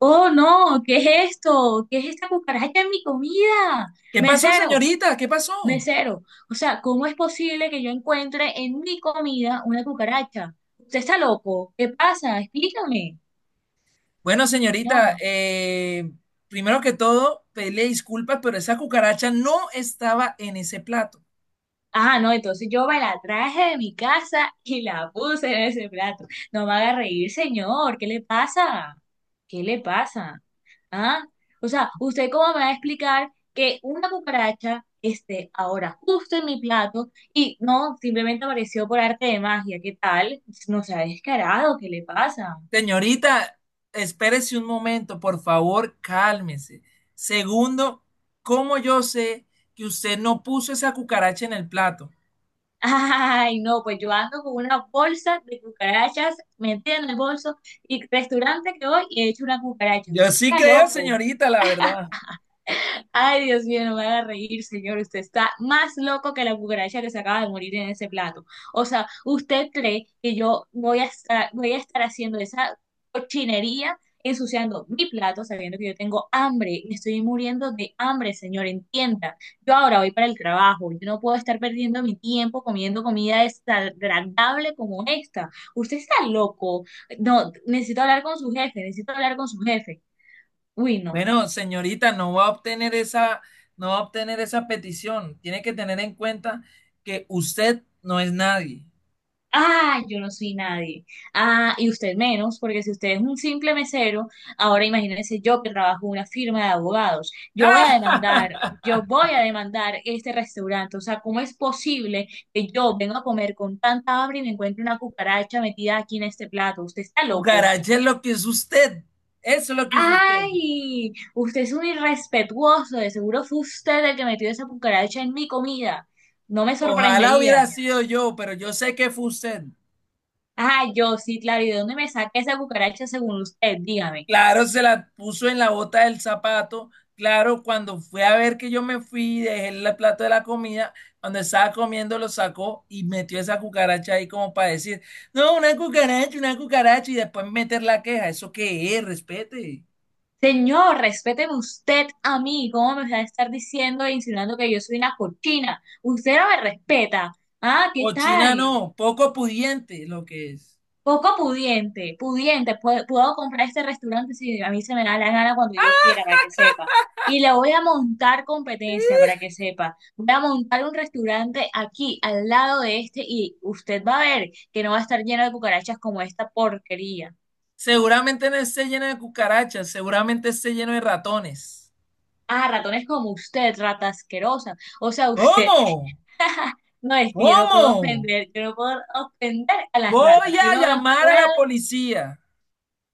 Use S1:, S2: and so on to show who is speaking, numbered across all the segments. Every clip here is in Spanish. S1: Oh, no, ¿qué es esto? ¿Qué es esta cucaracha en mi comida?
S2: ¿Qué pasó,
S1: Mesero,
S2: señorita? ¿Qué pasó?
S1: mesero. O sea, ¿cómo es posible que yo encuentre en mi comida una cucaracha? ¿Usted está loco? ¿Qué pasa? Explícame,
S2: Bueno, señorita,
S1: señor.
S2: primero que todo, pedirle disculpas, pero esa cucaracha no estaba en ese plato.
S1: Ah, no, entonces yo me la traje de mi casa y la puse en ese plato. No me haga reír, señor. ¿Qué le pasa? ¿Qué le pasa? Ah, o sea, ¿usted cómo me va a explicar que una cucaracha esté ahora justo en mi plato y no, simplemente apareció por arte de magia? ¿Qué tal? No se ha descarado, ¿qué le pasa?
S2: Señorita, espérese un momento, por favor, cálmese. Segundo, ¿cómo yo sé que usted no puso esa cucaracha en el plato?
S1: Ay, no, pues yo ando con una bolsa de cucarachas metida en el bolso y restaurante que voy y he hecho una cucaracha.
S2: Yo
S1: Usted
S2: sí
S1: está
S2: creo,
S1: loco.
S2: señorita, la verdad.
S1: Ay, Dios mío, no me haga reír, señor. Usted está más loco que la cucaracha que se acaba de morir en ese plato. O sea, ¿usted cree que yo voy a estar haciendo esa cochinería, ensuciando mi plato, sabiendo que yo tengo hambre? Me estoy muriendo de hambre, señor, entienda. Yo ahora voy para el trabajo. Yo no puedo estar perdiendo mi tiempo comiendo comida desagradable como esta. Usted está loco. No, necesito hablar con su jefe, necesito hablar con su jefe. Uy, no.
S2: Bueno, señorita, no va a obtener esa, no va a obtener esa petición. Tiene que tener en cuenta que usted no es nadie.
S1: Ah, yo no soy nadie. Ah, y usted menos, porque si usted es un simple mesero, ahora imagínese yo que trabajo en una firma de abogados. Yo voy a demandar,
S2: ¡Ah!
S1: yo voy a demandar este restaurante. O sea, ¿cómo es posible que yo venga a comer con tanta hambre y me encuentre una cucaracha metida aquí en este plato? Usted está loco.
S2: Cucaracha es lo que es usted. Eso es lo que es usted.
S1: Ay, usted es un irrespetuoso. De seguro fue usted el que metió esa cucaracha en mi comida. No me
S2: Ojalá
S1: sorprendería.
S2: hubiera sido yo, pero yo sé que fue usted.
S1: Ah, yo sí, claro. ¿Y de dónde me saqué esa cucaracha según usted? Dígame.
S2: Claro, se la puso en la bota del zapato. Claro, cuando fue a ver que yo me fui, dejé el plato de la comida, cuando estaba comiendo lo sacó y metió esa cucaracha ahí como para decir, no, una cucaracha, una cucaracha, y después meter la queja. ¿Eso qué es? Respete.
S1: Señor, respéteme usted a mí. ¿Cómo me va a estar diciendo e insinuando que yo soy una cochina? Usted no me respeta. Ah, ¿qué
S2: Cochina
S1: tal?
S2: no, poco pudiente lo que es.
S1: Poco pudiente, pudiente. Puedo comprar este restaurante si a mí se me da la gana cuando yo quiera, para que sepa. Y le voy a montar competencia, para que sepa. Voy a montar un restaurante aquí, al lado de este, y usted va a ver que no va a estar lleno de cucarachas como esta porquería.
S2: Seguramente no esté lleno de cucarachas, seguramente esté lleno de ratones.
S1: Ah, ratones como usted, rata asquerosa. O sea, usted,
S2: ¿Cómo?
S1: no es que yo no puedo
S2: ¿Cómo?
S1: ofender, yo no puedo ofender a las
S2: Voy
S1: ratas. Yo
S2: a
S1: no los
S2: llamar a
S1: puedo.
S2: la policía.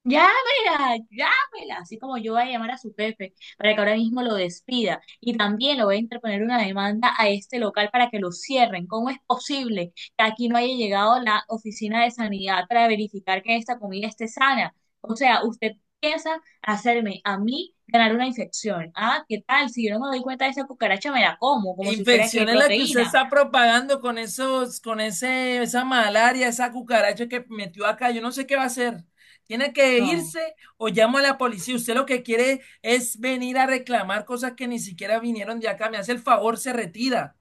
S1: Llámela, llámela, así como yo voy a llamar a su jefe para que ahora mismo lo despida. Y también lo voy a interponer una demanda a este local para que lo cierren. ¿Cómo es posible que aquí no haya llegado la oficina de sanidad para verificar que esta comida esté sana? O sea, usted piensa hacerme a mí ganar una infección. Ah, ¿qué tal? Si yo no me doy cuenta de esa cucaracha, me la como, como si fuera que
S2: Infección es la que usted
S1: proteína.
S2: está propagando con esa malaria, esa cucaracha que metió acá. Yo no sé qué va a hacer. Tiene que
S1: No.
S2: irse o llamo a la policía. Usted lo que quiere es venir a reclamar cosas que ni siquiera vinieron de acá. Me hace el favor, se retira.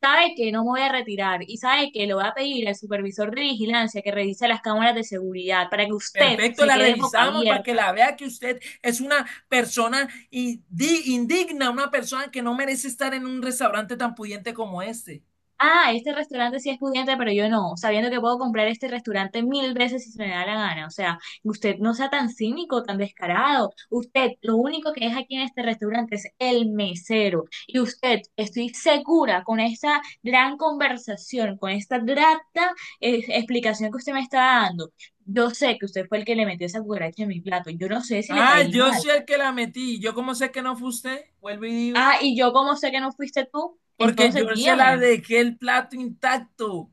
S1: Sabe que no me voy a retirar y sabe que le voy a pedir al supervisor de vigilancia que revise las cámaras de seguridad para que usted
S2: Perfecto,
S1: se
S2: la
S1: quede boca
S2: revisamos para que
S1: abierta.
S2: la vea que usted es una persona indigna, una persona que no merece estar en un restaurante tan pudiente como este.
S1: Ah, este restaurante sí es pudiente, pero yo no, sabiendo que puedo comprar este restaurante mil veces si se me da la gana. O sea, usted no sea tan cínico, tan descarado. Usted lo único que es aquí en este restaurante es el mesero. Y usted, estoy segura con esta gran conversación, con esta grata explicación que usted me está dando. Yo sé que usted fue el que le metió esa cucaracha en mi plato. Yo no sé si le
S2: Ah,
S1: caí
S2: yo soy
S1: mal.
S2: el que la metí. ¿Yo cómo sé que no fue usted? Vuelvo y digo.
S1: Ah, y yo cómo sé que no fuiste tú,
S2: Porque
S1: entonces
S2: yo se la
S1: dígame.
S2: dejé el plato intacto,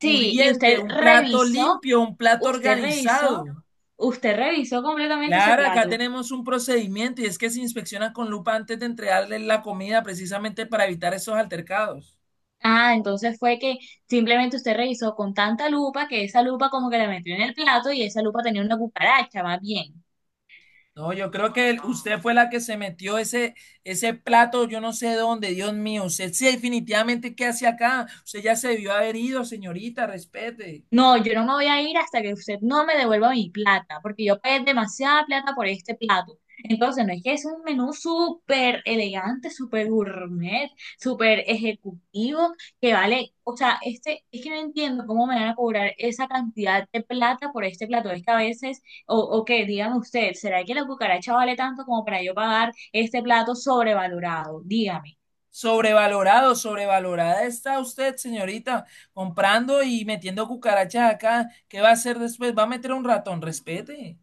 S1: Sí, y usted
S2: un plato
S1: revisó.
S2: limpio, un plato
S1: Usted revisó,
S2: organizado.
S1: usted revisó completamente ese
S2: Claro, acá
S1: plato.
S2: tenemos un procedimiento y es que se inspecciona con lupa antes de entregarle la comida precisamente para evitar esos altercados.
S1: Ah, entonces fue que simplemente usted revisó con tanta lupa que esa lupa como que la metió en el plato y esa lupa tenía una cucaracha, más bien.
S2: No, yo creo que usted fue la que se metió ese plato, yo no sé dónde, Dios mío. Usted sí, definitivamente, ¿qué hace acá? Usted ya se debió haber ido, señorita, respete.
S1: No, yo no me voy a ir hasta que usted no me devuelva mi plata, porque yo pagué demasiada plata por este plato. Entonces, no es que es un menú súper elegante, súper gourmet, súper ejecutivo, que vale, o sea, este, es que no entiendo cómo me van a cobrar esa cantidad de plata por este plato. Es que a veces, o que dígame usted, ¿será que la cucaracha vale tanto como para yo pagar este plato sobrevalorado? Dígame,
S2: Sobrevalorado, sobrevalorada está usted, señorita, comprando y metiendo cucarachas acá. ¿Qué va a hacer después? ¿Va a meter un ratón? Respete.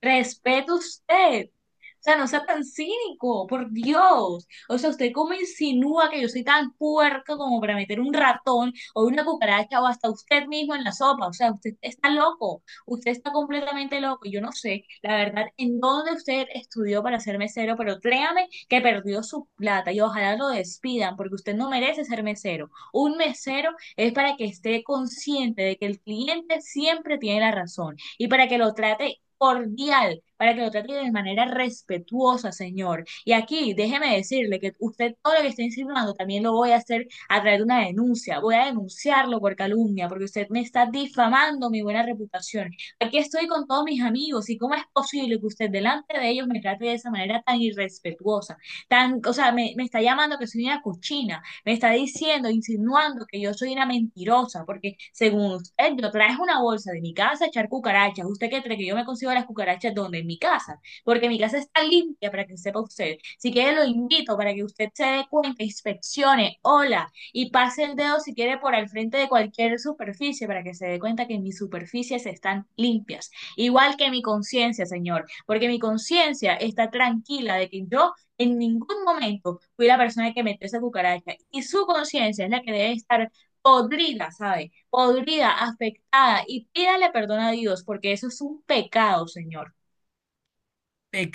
S1: respeto usted. O sea, no sea tan cínico, por Dios. O sea, usted cómo insinúa que yo soy tan puerco como para meter un ratón o una cucaracha o hasta usted mismo en la sopa. O sea, usted está loco. Usted está completamente loco. Yo no sé, la verdad, en dónde usted estudió para ser mesero, pero créame que perdió su plata y ojalá lo despidan porque usted no merece ser mesero. Un mesero es para que esté consciente de que el cliente siempre tiene la razón y para que lo trate cordial, para que lo trate de manera respetuosa, señor. Y aquí, déjeme decirle que usted todo lo que está insinuando también lo voy a hacer a través de una denuncia. Voy a denunciarlo por calumnia, porque usted me está difamando mi buena reputación. Aquí estoy con todos mis amigos, y cómo es posible que usted delante de ellos me trate de esa manera tan irrespetuosa, tan, o sea, me está llamando que soy una cochina, me está diciendo, insinuando que yo soy una mentirosa, porque según usted, yo traje una bolsa de mi casa a echar cucarachas. ¿Usted qué cree que yo me consigo las cucarachas donde? En mi casa, porque mi casa está limpia para que sepa usted. Si quiere, lo invito para que usted se dé cuenta, inspeccione, hola, y pase el dedo si quiere por al frente de cualquier superficie para que se dé cuenta que mis superficies están limpias. Igual que mi conciencia, Señor, porque mi conciencia está tranquila de que yo en ningún momento fui la persona que metió esa cucaracha y su conciencia es la que debe estar podrida, ¿sabe? Podrida, afectada y pídale perdón a Dios porque eso es un pecado, Señor.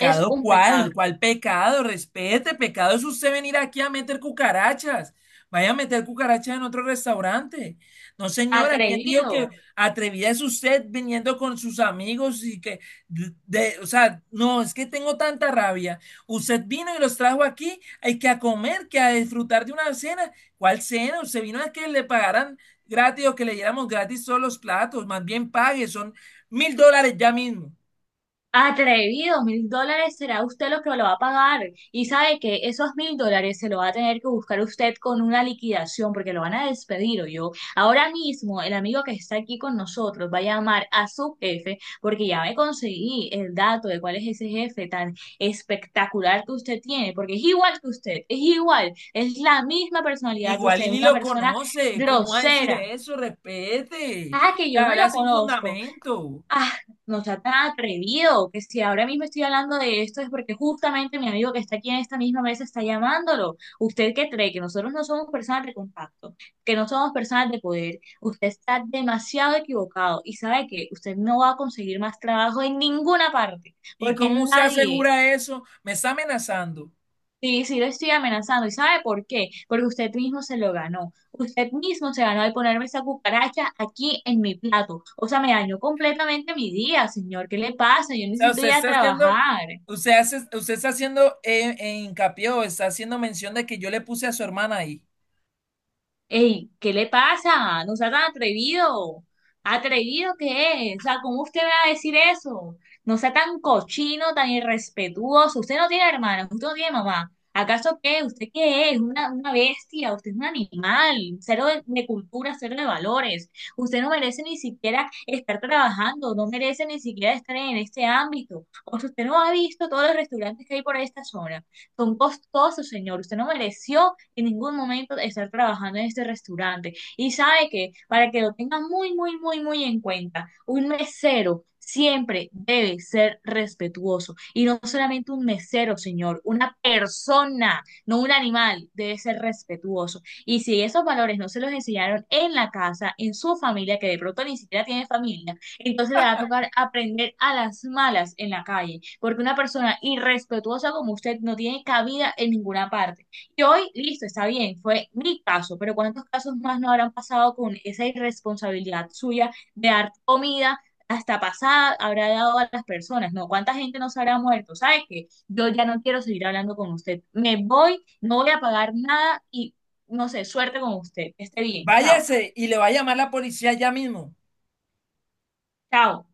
S1: Es un
S2: cuál?
S1: pecado
S2: ¿Cuál pecado? Respete, pecado es usted venir aquí a meter cucarachas. Vaya a meter cucarachas en otro restaurante. No, señora, ¿quién dijo que
S1: atrevido.
S2: atrevida es usted viniendo con sus amigos y que, o sea, no, es que tengo tanta rabia. Usted vino y los trajo aquí, hay que a comer, que a disfrutar de una cena. ¿Cuál cena? Usted vino a que le pagaran gratis o que le diéramos gratis todos los platos. Más bien pague, son $1,000 ya mismo.
S1: Atrevido, $1000 será usted lo que lo va a pagar. Y sabe que esos $1000 se lo va a tener que buscar usted con una liquidación porque lo van a despedir o yo. Ahora mismo el amigo que está aquí con nosotros va a llamar a su jefe porque ya me conseguí el dato de cuál es ese jefe tan espectacular que usted tiene, porque es igual que usted, es igual, es la misma personalidad de
S2: Igual y
S1: usted,
S2: ni
S1: una
S2: lo
S1: persona
S2: conoce. ¿Cómo va a decir
S1: grosera.
S2: eso? Respete.
S1: Ah, que
S2: Te
S1: yo no lo
S2: habla sin
S1: conozco.
S2: fundamento.
S1: Ah, no sea tan atrevido, que si ahora mismo estoy hablando de esto es porque justamente mi amigo que está aquí en esta misma mesa está llamándolo. ¿Usted qué cree? Que nosotros no somos personas de contacto, que no somos personas de poder. Usted está demasiado equivocado y sabe que usted no va a conseguir más trabajo en ninguna parte,
S2: ¿Y
S1: porque
S2: cómo se
S1: nadie.
S2: asegura eso? Me está amenazando. O
S1: Sí, sí lo estoy amenazando. ¿Y sabe por qué? Porque usted mismo se lo ganó. Usted mismo se ganó al ponerme esa cucaracha aquí en mi plato. O sea, me dañó completamente mi día, señor. ¿Qué le pasa? Yo
S2: sea,
S1: necesito ir a trabajar.
S2: usted está haciendo hincapié o está haciendo mención de que yo le puse a su hermana ahí.
S1: Ey, ¿qué le pasa? No sea tan atrevido. ¿Atrevido qué es? O sea, ¿cómo usted va a decir eso? No sea tan cochino, tan irrespetuoso. Usted no tiene hermana, usted no tiene mamá. ¿Acaso qué? ¿Usted qué es? Una bestia, usted es un animal, cero de cultura, cero de valores. Usted no merece ni siquiera estar trabajando, no merece ni siquiera estar en este ámbito. O sea, usted no ha visto todos los restaurantes que hay por esta zona. Son costosos, señor. Usted no mereció en ningún momento estar trabajando en este restaurante. Y sabe que, para que lo tengan muy, muy, muy, muy en cuenta, un mesero siempre debe ser respetuoso. Y no solamente un mesero, señor, una persona, no un animal, debe ser respetuoso. Y si esos valores no se los enseñaron en la casa, en su familia, que de pronto ni siquiera tiene familia, entonces le va a tocar aprender a las malas en la calle, porque una persona irrespetuosa como usted no tiene cabida en ninguna parte. Y hoy, listo, está bien, fue mi caso, pero ¿cuántos casos más no habrán pasado con esa irresponsabilidad suya de dar comida hasta pasada habrá dado a las personas? No, ¿cuánta gente no se habrá muerto? ¿Sabes qué? Yo ya no quiero seguir hablando con usted. Me voy, no voy a pagar nada y no sé, suerte con usted. Que esté bien. Chao,
S2: Váyase y le va a llamar la policía ya mismo.
S1: chao.